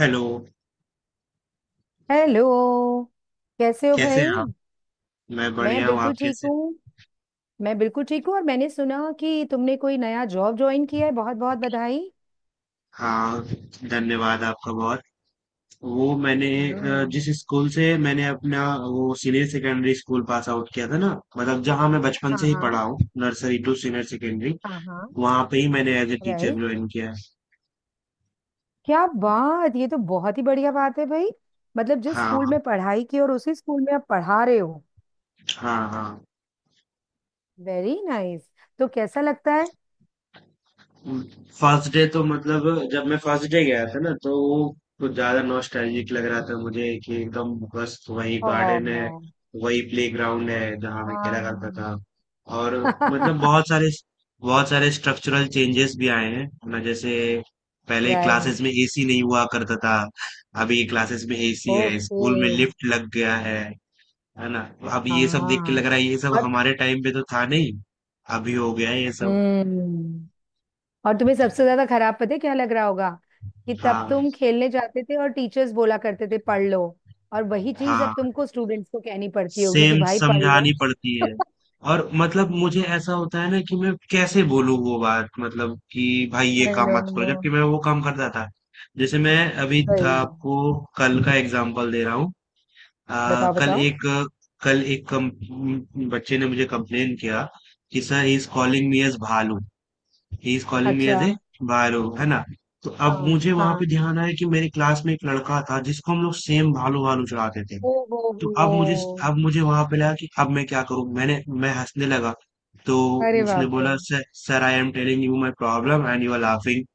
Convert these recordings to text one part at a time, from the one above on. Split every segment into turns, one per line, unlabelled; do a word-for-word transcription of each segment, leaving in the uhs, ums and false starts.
Hello.
Hello. कैसे हो
कैसे
भाई?
हैं आप? मैं
मैं
बढ़िया हूँ, आप
बिल्कुल ठीक
कैसे?
हूँ। मैं बिल्कुल ठीक हूँ, और मैंने सुना कि तुमने कोई नया जॉब ज्वाइन किया है। बहुत बहुत बधाई।
हाँ, धन्यवाद आपका बहुत। वो मैंने अ,
हम्म।
जिस स्कूल से मैंने अपना वो senior secondary school pass out किया था ना, मतलब जहाँ मैं बचपन
हाँ
से ही
हाँ।
पढ़ा हूँ, नर्सरी टू सीनियर सेकेंडरी,
हाँ हाँ।
वहाँ पे ही मैंने as a teacher
right.
Join किया है।
क्या बात, ये तो बहुत ही बढ़िया बात है भाई। मतलब जिस स्कूल
हाँ,
में पढ़ाई की और उसी स्कूल में आप पढ़ा रहे हो।
हाँ, हाँ।
Very nice nice। तो कैसा लगता है?
फर्स्ट डे तो मतलब, जब मैं फर्स्ट डे गया था ना, तो वो कुछ ज्यादा नॉस्टैल्जिक लग रहा था मुझे कि एकदम बस वही
ओ।
गार्डन है, वही प्लेग्राउंड है जहाँ मैं खेला करता
हाँ।
था। और मतलब बहुत सारे, बहुत सारे स्ट्रक्चरल चेंजेस भी आए हैं, है ना? जैसे पहले
राइट।
क्लासेस में एसी नहीं हुआ करता था, अभी क्लासेस में एसी है,
ओके।
स्कूल में लिफ्ट लग गया है। है ना, तो अब ये सब देख के लग
हाँ।
रहा है, ये सब
और-
हमारे टाइम पे तो था नहीं, अभी हो गया है ये सब।
हम्म। और तुम्हें सबसे ज्यादा खराब पता है क्या लग रहा होगा? कि तब
हाँ,
तुम खेलने जाते थे और टीचर्स बोला करते थे पढ़ लो। और वही चीज अब
हाँ,
तुमको स्टूडेंट्स को कहनी पड़ती होगी
सेम
कि भाई पढ़
समझानी
लो।
पड़ती है। और मतलब मुझे ऐसा होता है ना कि मैं कैसे बोलूँ वो बात, मतलब कि भाई ये
आई
काम
नो।
मत करो, जबकि मैं वो काम करता था। जैसे मैं अभी था,
सही।
आपको कल का एग्जांपल दे रहा हूँ। आ,
बताओ
कल
बताओ।
एक कल एक कम, बच्चे ने मुझे कंप्लेन किया कि sir, he is calling me as भालू। ही इज कॉलिंग मी
अच्छा।
एज ए भालू, है ना? तो अब
हाँ
मुझे वहां पे
हाँ।
ध्यान आया कि मेरी क्लास में एक लड़का था जिसको हम लोग सेम भालू भालू चढ़ाते थे।
ओ हो।
तो
हो।
अब मुझे, अब मुझे वहां पे लगा कि अब मैं क्या करूं, मैंने मैं हंसने लगा। तो
अरे
उसने
बाप रे।
बोला, sir sir, I am telling you my problem and you are laughing.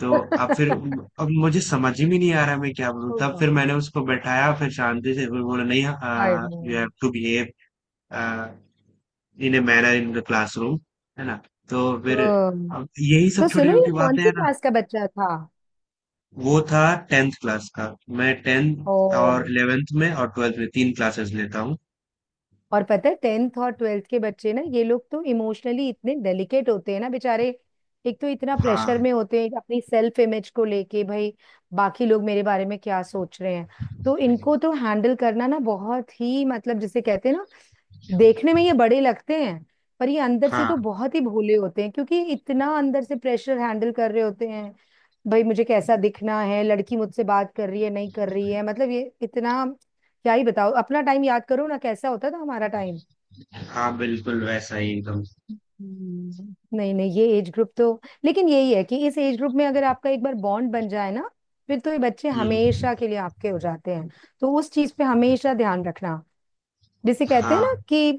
तो अब फिर, अब मुझे समझ ही में नहीं आ रहा मैं क्या बोलूं,
ओ
तब फिर
गॉड।
मैंने उसको बैठाया, फिर शांति से फिर बोला, नहीं,
I know.
You have to behave in a manner in the classroom, है ना? तो फिर
ओ,
अब यही सब
तो
छोटी
सुनो ये
छोटी
कौन
बातें
सी
हैं ना।
क्लास का बच्चा था?
वो था टेंथ क्लास का। मैं
ओ।
टेंथ और इलेवेंथ में और ट्वेल्थ में तीन क्लासेस लेता हूँ।
और पता है टेंथ और ट्वेल्थ के बच्चे ना, ये लोग तो इमोशनली इतने डेलिकेट होते हैं ना बेचारे। एक तो इतना प्रेशर
हाँ,
में होते हैं अपनी सेल्फ इमेज को लेके भाई, बाकी लोग मेरे बारे में क्या सोच रहे हैं। तो इनको तो हैंडल करना ना बहुत ही मतलब जिसे कहते हैं ना, देखने में ये बड़े लगते हैं पर ये अंदर से तो
हाँ,
बहुत ही भोले होते हैं, क्योंकि इतना अंदर से प्रेशर हैंडल कर रहे होते हैं। भाई मुझे कैसा दिखना है, लड़की मुझसे बात कर रही है नहीं कर रही है, मतलब ये इतना। क्या ही बताओ, अपना टाइम याद करो ना कैसा होता था हमारा टाइम।
हाँ, बिल्कुल वैसा ही एकदम।
हम्म। नहीं नहीं, ये एज ग्रुप तो लेकिन यही है कि इस एज ग्रुप में अगर आपका एक बार बॉन्ड बन जाए ना, फिर तो ये बच्चे
हुँ,
हमेशा के लिए आपके हो जाते हैं। तो उस चीज पे हमेशा ध्यान रखना। जिसे कहते हैं ना
हाँ।
कि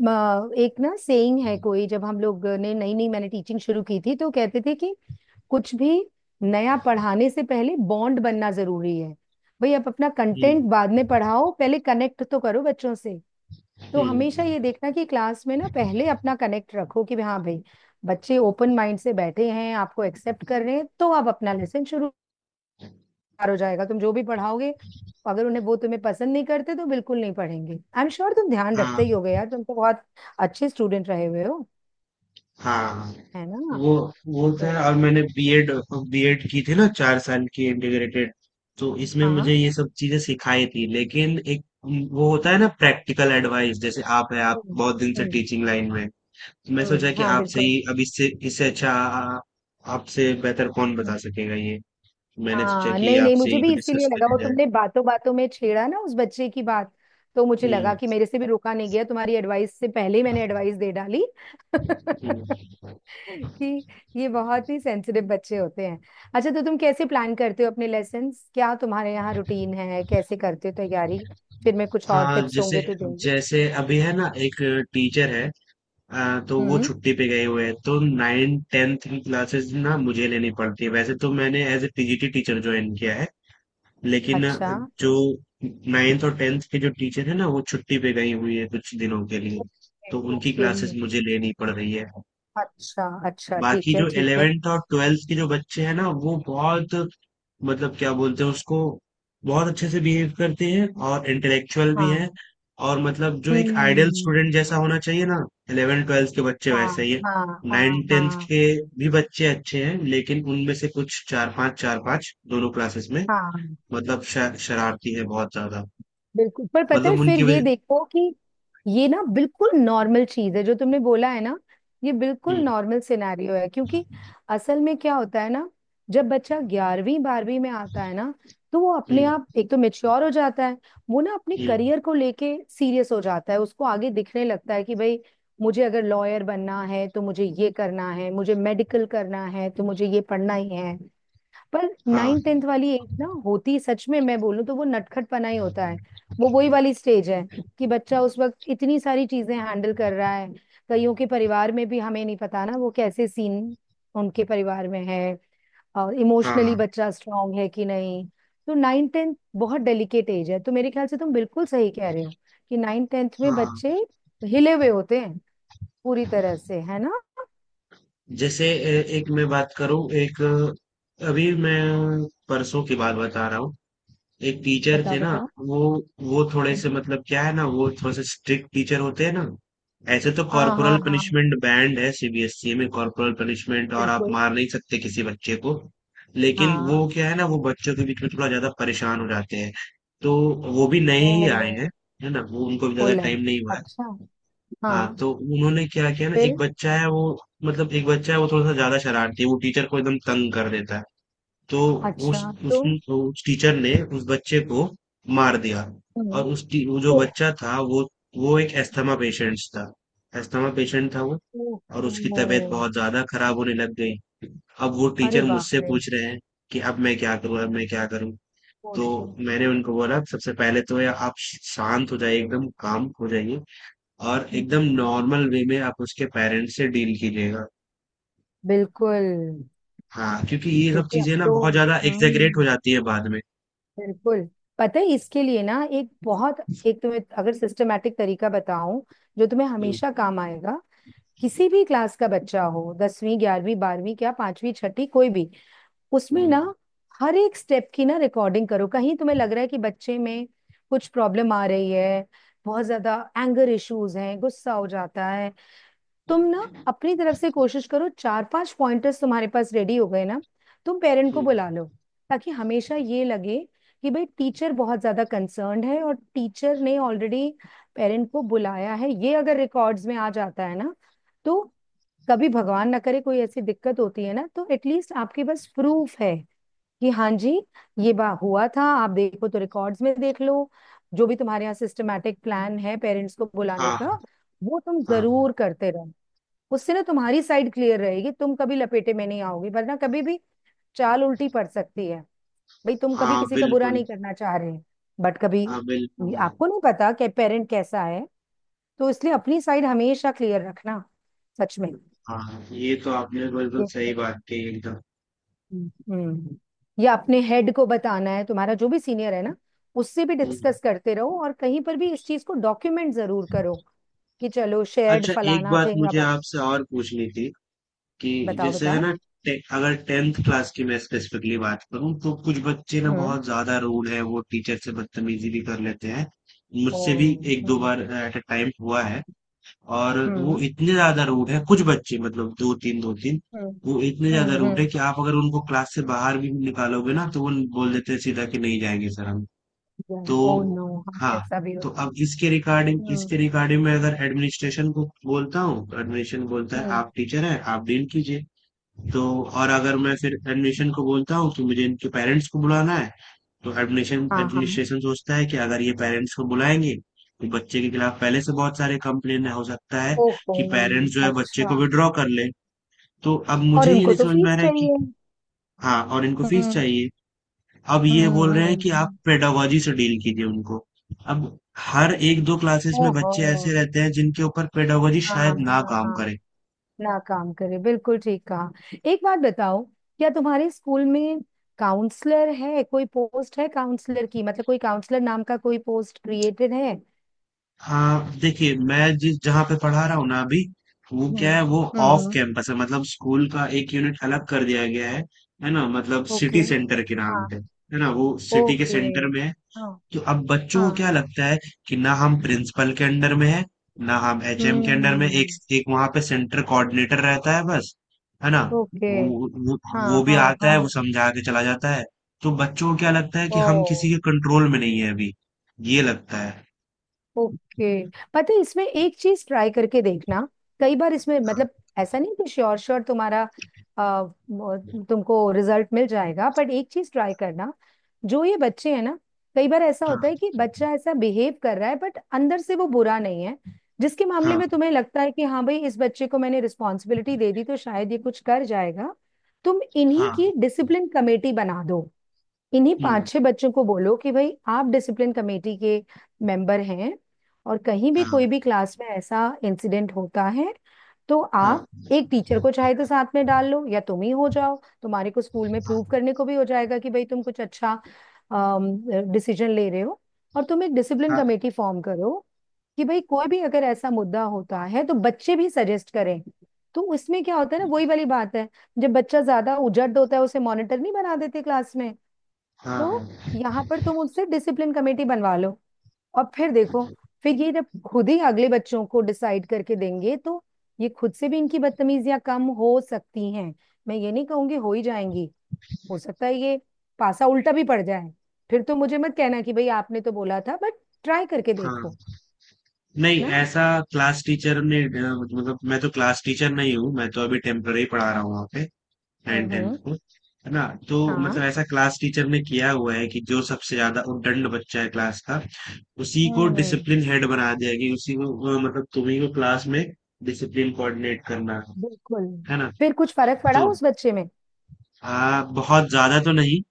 म, एक ना सेइंग है कोई, जब हम लोग ने नई नई मैंने टीचिंग शुरू की थी तो कहते थे कि कुछ भी नया पढ़ाने से पहले बॉन्ड बनना जरूरी है। भाई आप अपना
हुँ,
कंटेंट बाद में पढ़ाओ, पहले कनेक्ट तो करो बच्चों से। तो हमेशा
हुँ,
ये देखना कि क्लास में ना पहले अपना कनेक्ट रखो कि हाँ भाई, बच्चे ओपन माइंड से बैठे हैं, आपको एक्सेप्ट कर रहे हैं, तो आप अपना लेसन शुरू। बेकार हो जाएगा तुम जो भी पढ़ाओगे, अगर उन्हें वो तुम्हें पसंद नहीं करते तो बिल्कुल नहीं पढ़ेंगे। आई एम श्योर तुम ध्यान रखते ही
हाँ,
होगे यार, तुम तो बहुत अच्छे स्टूडेंट रहे हुए हो,
हाँ।
है ना?
वो वो था,
तो नहीं।
और मैंने बीएड, बीएड की थी ना, चार साल की इंटीग्रेटेड, तो इसमें
हाँ।
मुझे ये सब चीज़ें सिखाई थी। लेकिन एक उम, वो होता है ना, प्रैक्टिकल एडवाइस। जैसे आप हैं, आप
हम्म।
बहुत दिन से
हम्म।
टीचिंग लाइन में हैं। मैं सोचा
हम्म,
कि
हाँ
आपसे
बिल्कुल।
ही, अब इससे इससे अच्छा आ आपसे बेहतर कौन बता
हम्म।
सकेगा ये। मैंने सोचा
हाँ
कि
नहीं नहीं,
आपसे
मुझे
ही
भी
को
इसीलिए
डिस्कस
लगा,
करी
वो
जाए।
तुमने बातों बातों में छेड़ा ना उस बच्चे की बात, तो मुझे लगा
हुँ,
कि मेरे से भी रोका नहीं गया, तुम्हारी एडवाइस से पहले ही मैंने एडवाइस दे डाली।
हुँ।
कि ये बहुत ही सेंसिटिव बच्चे होते हैं। अच्छा तो तुम कैसे प्लान करते हो अपने लेसन्स? क्या तुम्हारे यहाँ रूटीन है? कैसे करते हो तैयारी? फिर मैं कुछ और
हाँ,
टिप्स
जैसे,
होंगे तो दूंगी।
जैसे अभी है ना एक टीचर है, अ, तो वो
हम्म।
छुट्टी पे गए हुए हैं, तो नाइन टेंथ की क्लासेस ना मुझे लेनी पड़ती है। वैसे तो मैंने as a PGT teacher join किया है, लेकिन
अच्छा।
अ, जो नाइन्थ और टेंथ के जो टीचर है ना, वो छुट्टी पे गई हुई है कुछ दिनों के लिए, तो उनकी
ओके।
क्लासेस मुझे लेनी पड़ रही है।
अच्छा अच्छा,
बाकी
ठीक है
जो
ठीक है।
इलेवेंथ और ट्वेल्थ के जो बच्चे हैं ना, वो बहुत, मतलब क्या बोलते हैं उसको, बहुत अच्छे से बिहेव करते हैं और इंटेलेक्चुअल भी
हाँ।
हैं। और मतलब जो एक आइडियल
हम्म।
स्टूडेंट जैसा होना चाहिए ना, इलेवन ट्वेल्थ के बच्चे
हाँ
वैसे ही है।
हाँ हाँ।
नाइन टेंथ
हाँ।
के भी बच्चे अच्छे हैं, लेकिन उनमें से कुछ चार पांच, चार पांच दोनों क्लासेस में,
हाँ
मतलब शर, शरारती है बहुत ज्यादा।
बिल्कुल, पर पता है
मतलब
फिर
उनकी
ये
वजह,
देखो कि ये ना बिल्कुल नॉर्मल चीज है जो तुमने बोला है ना, ये बिल्कुल
हम्म,
नॉर्मल सिनेरियो है। क्योंकि असल में क्या होता है ना, जब बच्चा ग्यारहवीं बारहवीं में आता है ना, तो वो अपने
हम्म,
आप एक तो मेच्योर हो जाता है। वो ना अपने
हम्म,
करियर को लेके सीरियस हो जाता है, उसको आगे दिखने लगता है कि भाई मुझे अगर लॉयर बनना है तो मुझे ये करना है, मुझे मेडिकल करना है तो मुझे ये पढ़ना ही है। पर
हाँ,
नाइन टेंथ वाली एज ना, होती सच में मैं बोलूं तो वो नटखटपना ही होता है। वो वही वाली स्टेज है कि बच्चा उस वक्त इतनी सारी चीजें हैंडल कर रहा है। कईयों के परिवार में भी हमें नहीं पता ना वो कैसे सीन उनके परिवार में है, और इमोशनली
हाँ,
बच्चा स्ट्रांग है कि नहीं। तो नाइन टेंथ बहुत डेलिकेट एज है, तो मेरे ख्याल से तुम बिल्कुल सही कह रहे हो कि नाइन टेंथ में
हाँ।
बच्चे हिले हुए होते हैं पूरी तरह से, है ना?
जैसे ए- एक मैं बात करूं, एक, अभी मैं परसों की बात बता रहा हूँ। एक टीचर
बताओ
थे ना,
बताओ।
वो वो थोड़े से,
हम्म।
मतलब क्या है ना, वो थोड़े से स्ट्रिक्ट टीचर होते हैं ना। ऐसे तो
हाँ हाँ
कॉर्पोरल
हाँ।
पनिशमेंट बैंड है सीबीएसई में, कॉर्पोरल पनिशमेंट, और आप
बिल्कुल।
मार नहीं सकते किसी बच्चे को। लेकिन
हाँ।
वो क्या है ना, वो बच्चों के बीच में थोड़ा ज्यादा परेशान हो जाते हैं। तो वो भी नए
ओ।
ही आए हैं, है ना, वो उनको भी ज्यादा
पुल है।
टाइम नहीं हुआ है।
अच्छा।
हाँ,
हाँ।
तो उन्होंने क्या किया ना, एक
फिर।
बच्चा है वो, मतलब एक बच्चा है वो थोड़ा सा ज्यादा शरारती है, वो टीचर को एकदम तंग कर देता है। तो उस
अच्छा
उस
तो।
उस टीचर ने उस बच्चे को मार दिया।
हम्म।
और उस टी- वो जो
ओह।
बच्चा था वो वो एक अस्थमा पेशेंट था, अस्थमा पेशेंट था वो।
ओह।
और उसकी तबीयत
ओह,
बहुत ज्यादा खराब होने लग गई। अब वो
अरे
टीचर
बाप
मुझसे
रे।
पूछ रहे हैं कि अब मैं क्या करूं, अब मैं क्या करूं।
ओह
तो
शिट।
मैंने उनको बोला, सबसे पहले तो या आप शांत हो जाइए, एकदम काम हो जाइए, और एकदम
हम्म,
नॉर्मल वे में आप उसके पेरेंट्स से डील कीजिएगा।
बिल्कुल।
हाँ, क्योंकि ये सब
क्योंकि अब
चीजें ना
तो।
बहुत ज्यादा एग्जेगरेट हो
हम्म।
जाती है बाद में।
बिल्कुल। पता है, इसके लिए ना एक बहुत, एक तुम्हें अगर सिस्टमेटिक तरीका बताऊं जो तुम्हें
हम्म,
हमेशा काम आएगा। किसी भी क्लास का बच्चा हो, दसवीं ग्यारहवीं बारहवीं, क्या पांचवी छठी, कोई भी, उसमें ना हर एक स्टेप की ना रिकॉर्डिंग करो। कहीं तुम्हें लग रहा है कि बच्चे में कुछ प्रॉब्लम आ रही है, बहुत ज्यादा एंगर इश्यूज हैं, गुस्सा हो जाता है, तुम ना अपनी तरफ से कोशिश करो, चार पांच पॉइंटर्स तुम्हारे पास रेडी हो गए ना, तुम पेरेंट को
हम्म,
बुला लो। ताकि हमेशा ये लगे कि भाई टीचर बहुत ज्यादा कंसर्न्ड है, और टीचर ने ऑलरेडी पेरेंट को बुलाया है। ये अगर रिकॉर्ड्स में आ जाता है ना, तो कभी भगवान ना करे कोई ऐसी दिक्कत होती है ना, तो एटलीस्ट आपके पास प्रूफ है कि हाँ जी, ये बा हुआ था, आप देखो तो रिकॉर्ड्स में देख लो। जो भी तुम्हारे यहाँ सिस्टमेटिक प्लान है पेरेंट्स को बुलाने का,
हाँ,
वो तुम
हाँ,
जरूर करते रहो। उससे ना तुम्हारी साइड क्लियर रहेगी, तुम कभी लपेटे में नहीं आओगे। वरना कभी भी चाल उल्टी पड़ सकती है। भाई तुम कभी
हाँ,
किसी का बुरा
बिल्कुल।
नहीं करना चाह रहे, बट कभी
हाँ, बिल्कुल।
आपको नहीं पता कि पेरेंट कैसा है। तो इसलिए अपनी साइड हमेशा क्लियर रखना सच
हाँ, ये तो आपने बिल्कुल
में।
सही बात कही एकदम।
हम्म। या अपने हेड को बताना है, तुम्हारा जो भी सीनियर है ना, उससे भी
हम्म।
डिस्कस करते रहो, और कहीं पर भी इस चीज को डॉक्यूमेंट जरूर करो कि चलो शेयर्ड
अच्छा, एक
फलाना
बात
थिंग। अब
मुझे
आप
आपसे और पूछनी थी कि
बताओ
जैसे है
बताओ।
ना, टे, अगर टेंथ क्लास की मैं स्पेसिफिकली बात करूँ, तो कुछ बच्चे ना
हम्म।
बहुत ज्यादा रूड है, वो टीचर से बदतमीजी भी कर लेते हैं,
ओ।
मुझसे भी एक दो
हम्म।
बार एट अ टाइम हुआ है। और वो
हम्म।
इतने ज्यादा रूड है कुछ बच्चे, मतलब दो तीन, दो तीन।
हम्म।
वो इतने ज्यादा रूड है
हम्म।
कि आप अगर उनको क्लास से बाहर भी निकालोगे ना, तो वो बोल देते हैं सीधा कि नहीं जाएंगे सर हम।
हम्म
तो
ओ नो, हाँ
हाँ,
ऐसा भी
तो
होता
अब इसके
है।
रिगार्डिंग,
हम्म।
इसके रिगार्डिंग मैं अगर एडमिनिस्ट्रेशन को बोलता हूँ, तो एडमिनिस्ट्रेशन बोलता है
हम्म।
आप टीचर हैं, आप डील कीजिए। तो, और अगर मैं फिर एडमिशन को बोलता हूँ कि मुझे इनके पेरेंट्स को बुलाना है, तो एडमिशन
हाँ हाँ।
एडमिनिस्ट्रेशन सोचता है कि अगर ये पेरेंट्स को बुलाएंगे तो बच्चे के खिलाफ पहले से बहुत सारे कंप्लेन हो सकता है
ओहो।
कि पेरेंट्स जो है बच्चे
अच्छा।
को विड्रॉ कर ले। तो अब
और
मुझे ये
उनको
नहीं
तो
समझ में आ
फीस
रहा है कि,
चाहिए।
हाँ, और इनको फीस
हम्म।
चाहिए। अब ये
हम्म।
बोल रहे हैं कि आप
हम्म।
पेडागोजी से डील कीजिए उनको। अब हर एक दो क्लासेस में
ओहो।
बच्चे ऐसे रहते हैं जिनके ऊपर पेडागोजी
हाँ
शायद ना
हाँ
काम
हाँ,
करे।
ना काम करे, बिल्कुल ठीक कहा। एक बात बताओ, क्या तुम्हारे स्कूल में काउंसलर है, कोई पोस्ट है काउंसलर की? मतलब कोई काउंसलर नाम का कोई पोस्ट क्रिएटेड है?
हाँ, देखिए मैं जिस जहाँ पे पढ़ा रहा हूँ ना अभी, वो क्या है,
हम्म।
वो ऑफ
हम्म।
कैंपस है। मतलब स्कूल का एक यूनिट अलग कर दिया गया है है ना, मतलब
ओके।
सिटी सेंटर के नाम
हाँ।
पे है ना, वो सिटी के
ओके।
सेंटर में है।
हाँ।
तो अब बच्चों को
हाँ।
क्या लगता है कि ना हम प्रिंसिपल के अंडर में है, ना हम एचएम के अंडर में। एक
हम्म।
एक वहां पे सेंटर कोऑर्डिनेटर रहता है बस, है ना।
ओके।
वो वो
हाँ
वो भी
हाँ
आता है, वो
हाँ।
समझा के चला जाता है। तो बच्चों को क्या लगता है कि हम
ओ।
किसी के कंट्रोल में नहीं है अभी, ये लगता है।
ओके, पता है इसमें एक चीज ट्राई करके देखना। कई बार इसमें मतलब, ऐसा नहीं कि श्योर श्योर तुम्हारा आ, म- तुमको रिजल्ट मिल जाएगा, बट एक चीज ट्राई करना। जो ये बच्चे हैं ना, कई बार ऐसा
हाँ,
होता है कि बच्चा ऐसा बिहेव कर रहा है बट अंदर से वो बुरा नहीं है, जिसके मामले में
हाँ,
तुम्हें लगता है कि हाँ भाई इस बच्चे को मैंने रिस्पॉन्सिबिलिटी दे दी तो शायद ये कुछ कर जाएगा, तुम इन्हीं
हाँ,
की डिसिप्लिन कमेटी बना दो। इन्हीं पांच
हुँ,
छह बच्चों को बोलो कि भाई आप डिसिप्लिन कमेटी के मेंबर हैं, और कहीं भी
हाँ,
कोई भी क्लास में ऐसा इंसिडेंट होता है तो
हाँ,
आप, एक टीचर को चाहे तो साथ में डाल लो या तुम ही हो जाओ। तुम्हारे को स्कूल में प्रूव करने को भी हो जाएगा कि भाई तुम कुछ अच्छा डिसीजन ले रहे हो। और तुम एक डिसिप्लिन
हाँ,
कमेटी फॉर्म करो कि भाई कोई भी अगर ऐसा मुद्दा होता है तो बच्चे भी सजेस्ट करें। तो उसमें क्या होता है ना, वही वाली बात है, जब बच्चा ज्यादा उजड़ होता है उसे मॉनिटर नहीं बना देते क्लास में? तो
हाँ,
यहाँ पर तुम उससे डिसिप्लिन कमेटी बनवा लो। और फिर देखो, फिर ये जब खुद ही अगले बच्चों को डिसाइड करके देंगे, तो ये खुद से भी इनकी बदतमीजियां कम हो सकती हैं। मैं ये नहीं कहूंगी हो ही जाएंगी, हो सकता है ये पासा उल्टा भी पड़ जाए। फिर तो मुझे मत कहना कि भाई आपने तो बोला था, बट ट्राई करके
हाँ।
देखो।
नहीं,
ना।
ऐसा क्लास टीचर ने अ, मतलब, मैं तो क्लास टीचर नहीं हूँ, मैं तो अभी टेम्पररी पढ़ा रहा हूँ वहाँ पे नाइन टेंथ
हम्म।
को, है ना? तो
हाँ।
मतलब ऐसा क्लास टीचर ने किया हुआ है कि जो सबसे ज्यादा उद्दंड बच्चा है क्लास का, उसी को
हम्म।
डिसिप्लिन हेड बना दिया कि उसी को, अ, मतलब तुम्ही को क्लास में डिसिप्लिन कोऑर्डिनेट करना है
बिल्कुल।
है ना।
फिर कुछ फर्क पड़ा
तो
उस बच्चे में?
हाँ, बहुत ज्यादा तो नहीं।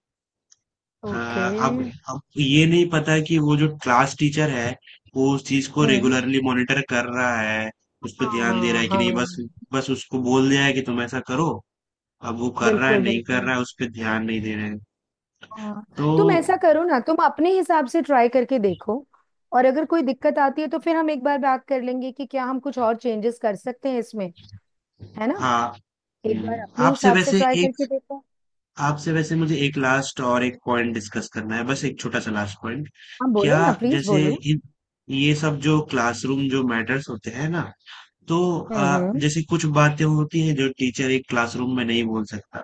अ,
ओके।
अब अब ये नहीं पता कि वो जो क्लास टीचर है, वो उस चीज को
हम्म।
रेगुलरली मॉनिटर कर रहा है, उस पर ध्यान दे रहा
हाँ
है कि
हाँ।
नहीं। बस बस उसको बोल दिया है कि तुम ऐसा करो, अब वो कर रहा है
बिल्कुल
नहीं कर
बिल्कुल।
रहा है उस पर ध्यान नहीं दे रहे हैं।
हाँ,
तो
तुम ऐसा करो ना, तुम अपने हिसाब से ट्राई करके देखो। और अगर कोई दिक्कत आती है तो फिर हम एक बार बात कर लेंगे कि क्या हम कुछ और चेंजेस कर सकते हैं इसमें, है ना?
हाँ,
एक
हम्म।
बार अपने
आपसे
हिसाब से
वैसे
ट्राई
एक
करके देखो।
आपसे वैसे मुझे एक लास्ट और एक पॉइंट डिस्कस करना है, बस एक छोटा सा लास्ट पॉइंट।
हाँ
क्या,
बोलो ना, प्लीज
जैसे,
बोलो।
इन- ये सब जो क्लासरूम जो मैटर्स होते हैं ना, तो
हम्म
अ,
हम्म।
जैसे कुछ बातें होती हैं जो टीचर एक क्लासरूम में नहीं बोल सकता।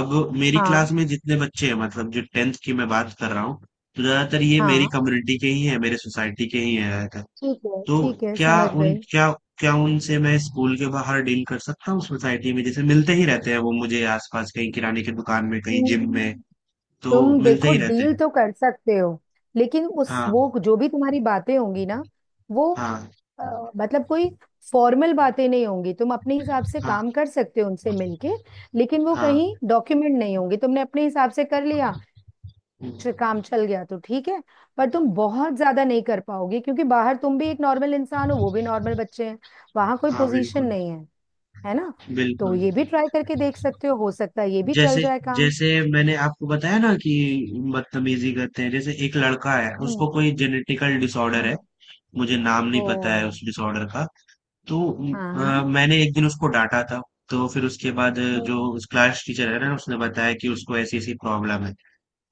अब मेरी
हाँ।
क्लास में जितने बच्चे हैं, मतलब जो टेंथ की मैं बात कर रहा हूँ, तो ज्यादातर ये मेरी
हाँ
कम्युनिटी के ही हैं, मेरे सोसाइटी के ही हैं ज्यादातर।
ठीक है
तो
ठीक है,
क्या
समझ
उन
गए।
क्या क्या उनसे मैं स्कूल के बाहर डील कर सकता हूँ? सोसाइटी में जैसे मिलते ही रहते हैं, वो मुझे आसपास कहीं किराने की दुकान में, कहीं जिम में,
हम्म,
तो
तुम
मिलते
देखो
ही रहते
डील
हैं।
तो कर सकते हो, लेकिन उस वो
हाँ,
जो भी तुम्हारी बातें होंगी ना वो
हाँ,
अ, मतलब कोई फॉर्मल बातें नहीं होंगी, तुम अपने हिसाब से
हाँ,
काम कर सकते हो उनसे मिलके। लेकिन वो
हाँ,
कहीं डॉक्यूमेंट नहीं होंगी, तुमने अपने हिसाब से कर लिया, च- काम चल गया तो ठीक है। पर तुम बहुत ज्यादा नहीं कर पाओगे, क्योंकि बाहर तुम भी एक नॉर्मल इंसान हो, वो भी नॉर्मल बच्चे हैं, वहां कोई
हाँ,
पोजीशन
बिल्कुल,
नहीं है, है ना? तो
बिल्कुल।
ये भी ट्राई करके देख सकते हो हो सकता है ये भी चल
जैसे
जाए काम।
जैसे मैंने आपको बताया ना कि बदतमीजी करते हैं, जैसे एक लड़का है, उसको
हम्म।
कोई जेनेटिकल डिसऑर्डर है,
हम्म।
मुझे नाम नहीं
ओ।
पता है उस डिसऑर्डर का। तो
हाँ।
अ, मैंने एक दिन उसको डांटा था, तो फिर उसके बाद जो
हम्म।
उस क्लास टीचर है ना, उसने बताया कि उसको ऐसी ऐसी प्रॉब्लम है।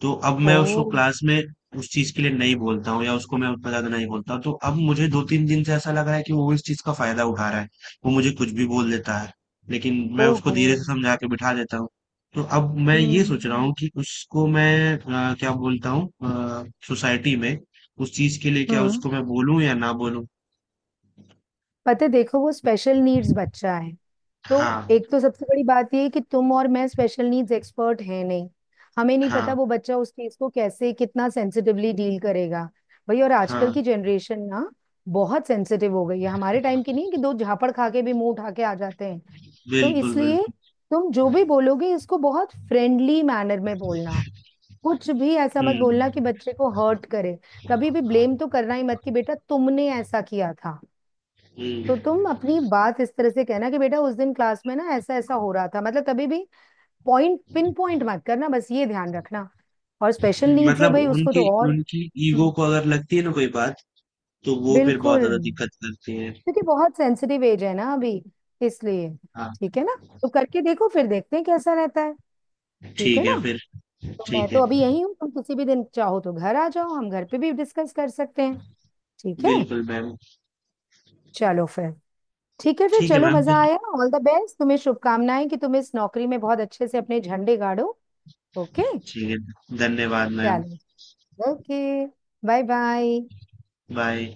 तो अब मैं
ओ।
उसको क्लास में उस चीज के लिए नहीं बोलता हूँ, या उसको मैं उतना ज्यादा नहीं बोलता हूँ। तो अब मुझे दो तीन दिन से ऐसा लग रहा है कि वो इस चीज का फायदा उठा रहा है, वो मुझे कुछ भी बोल देता है, लेकिन मैं उसको
ओहो।
धीरे से समझा के बिठा देता हूँ। तो अब मैं ये सोच रहा
हम्म।
हूँ कि उसको मैं अ, क्या बोलता हूँ सोसाइटी में उस चीज के लिए, क्या
हम्म।
उसको मैं बोलूँ या ना बोलूँ।
पता है देखो, वो स्पेशल नीड्स बच्चा है। तो
हाँ,
एक तो सबसे बड़ी बात ये है कि तुम और मैं स्पेशल नीड्स एक्सपर्ट हैं नहीं, हमें नहीं पता
हाँ,
वो बच्चा उस चीज को कैसे कितना सेंसिटिवली डील करेगा। भाई और आजकल
हाँ,
की जनरेशन ना बहुत सेंसिटिव हो गई है, हमारे टाइम की नहीं है कि दो झापड़ खा के भी मुंह उठा के आ जाते हैं। तो
बिल्कुल,
इसलिए
बिल्कुल,
तुम जो भी बोलोगे इसको बहुत फ्रेंडली मैनर में बोलना। कुछ भी ऐसा मत बोलना
हम्म,
कि बच्चे को हर्ट करे। कभी भी ब्लेम तो करना ही मत कि बेटा तुमने ऐसा किया था। तो तुम
हम्म।
अपनी बात इस तरह से कहना कि बेटा उस दिन क्लास में ना ऐसा ऐसा हो रहा था, मतलब कभी भी पॉइंट पिन पॉइंट मत करना, बस ये ध्यान रखना। और स्पेशल नीड्स है
मतलब
भाई, उसको
उनकी
तो और।
उनकी ईगो
हम्म,
को अगर लगती है ना कोई बात, तो वो फिर बहुत
बिल्कुल,
ज़्यादा दिक्कत करती है।
क्योंकि बहुत सेंसिटिव एज है ना अभी, इसलिए,
हाँ,
ठीक है ना? तो करके देखो, फिर देखते हैं कैसा रहता है। ठीक है
ठीक
ना?
है फिर।
तो मैं
ठीक
तो
है।
अभी यही हूँ, तुम किसी भी दिन चाहो तो घर आ जाओ, हम घर पे भी डिस्कस कर सकते हैं। ठीक है।
बिल्कुल मैम।
चलो फिर, ठीक है फिर,
ठीक है
चलो
मैम
मजा
फिर।
आया। ऑल द बेस्ट, तुम्हें शुभकामनाएं कि तुम इस नौकरी में बहुत अच्छे से अपने झंडे गाड़ो। ओके।
ठीक है, धन्यवाद मैम।
चलो। ओके। Bye bye.
बाय।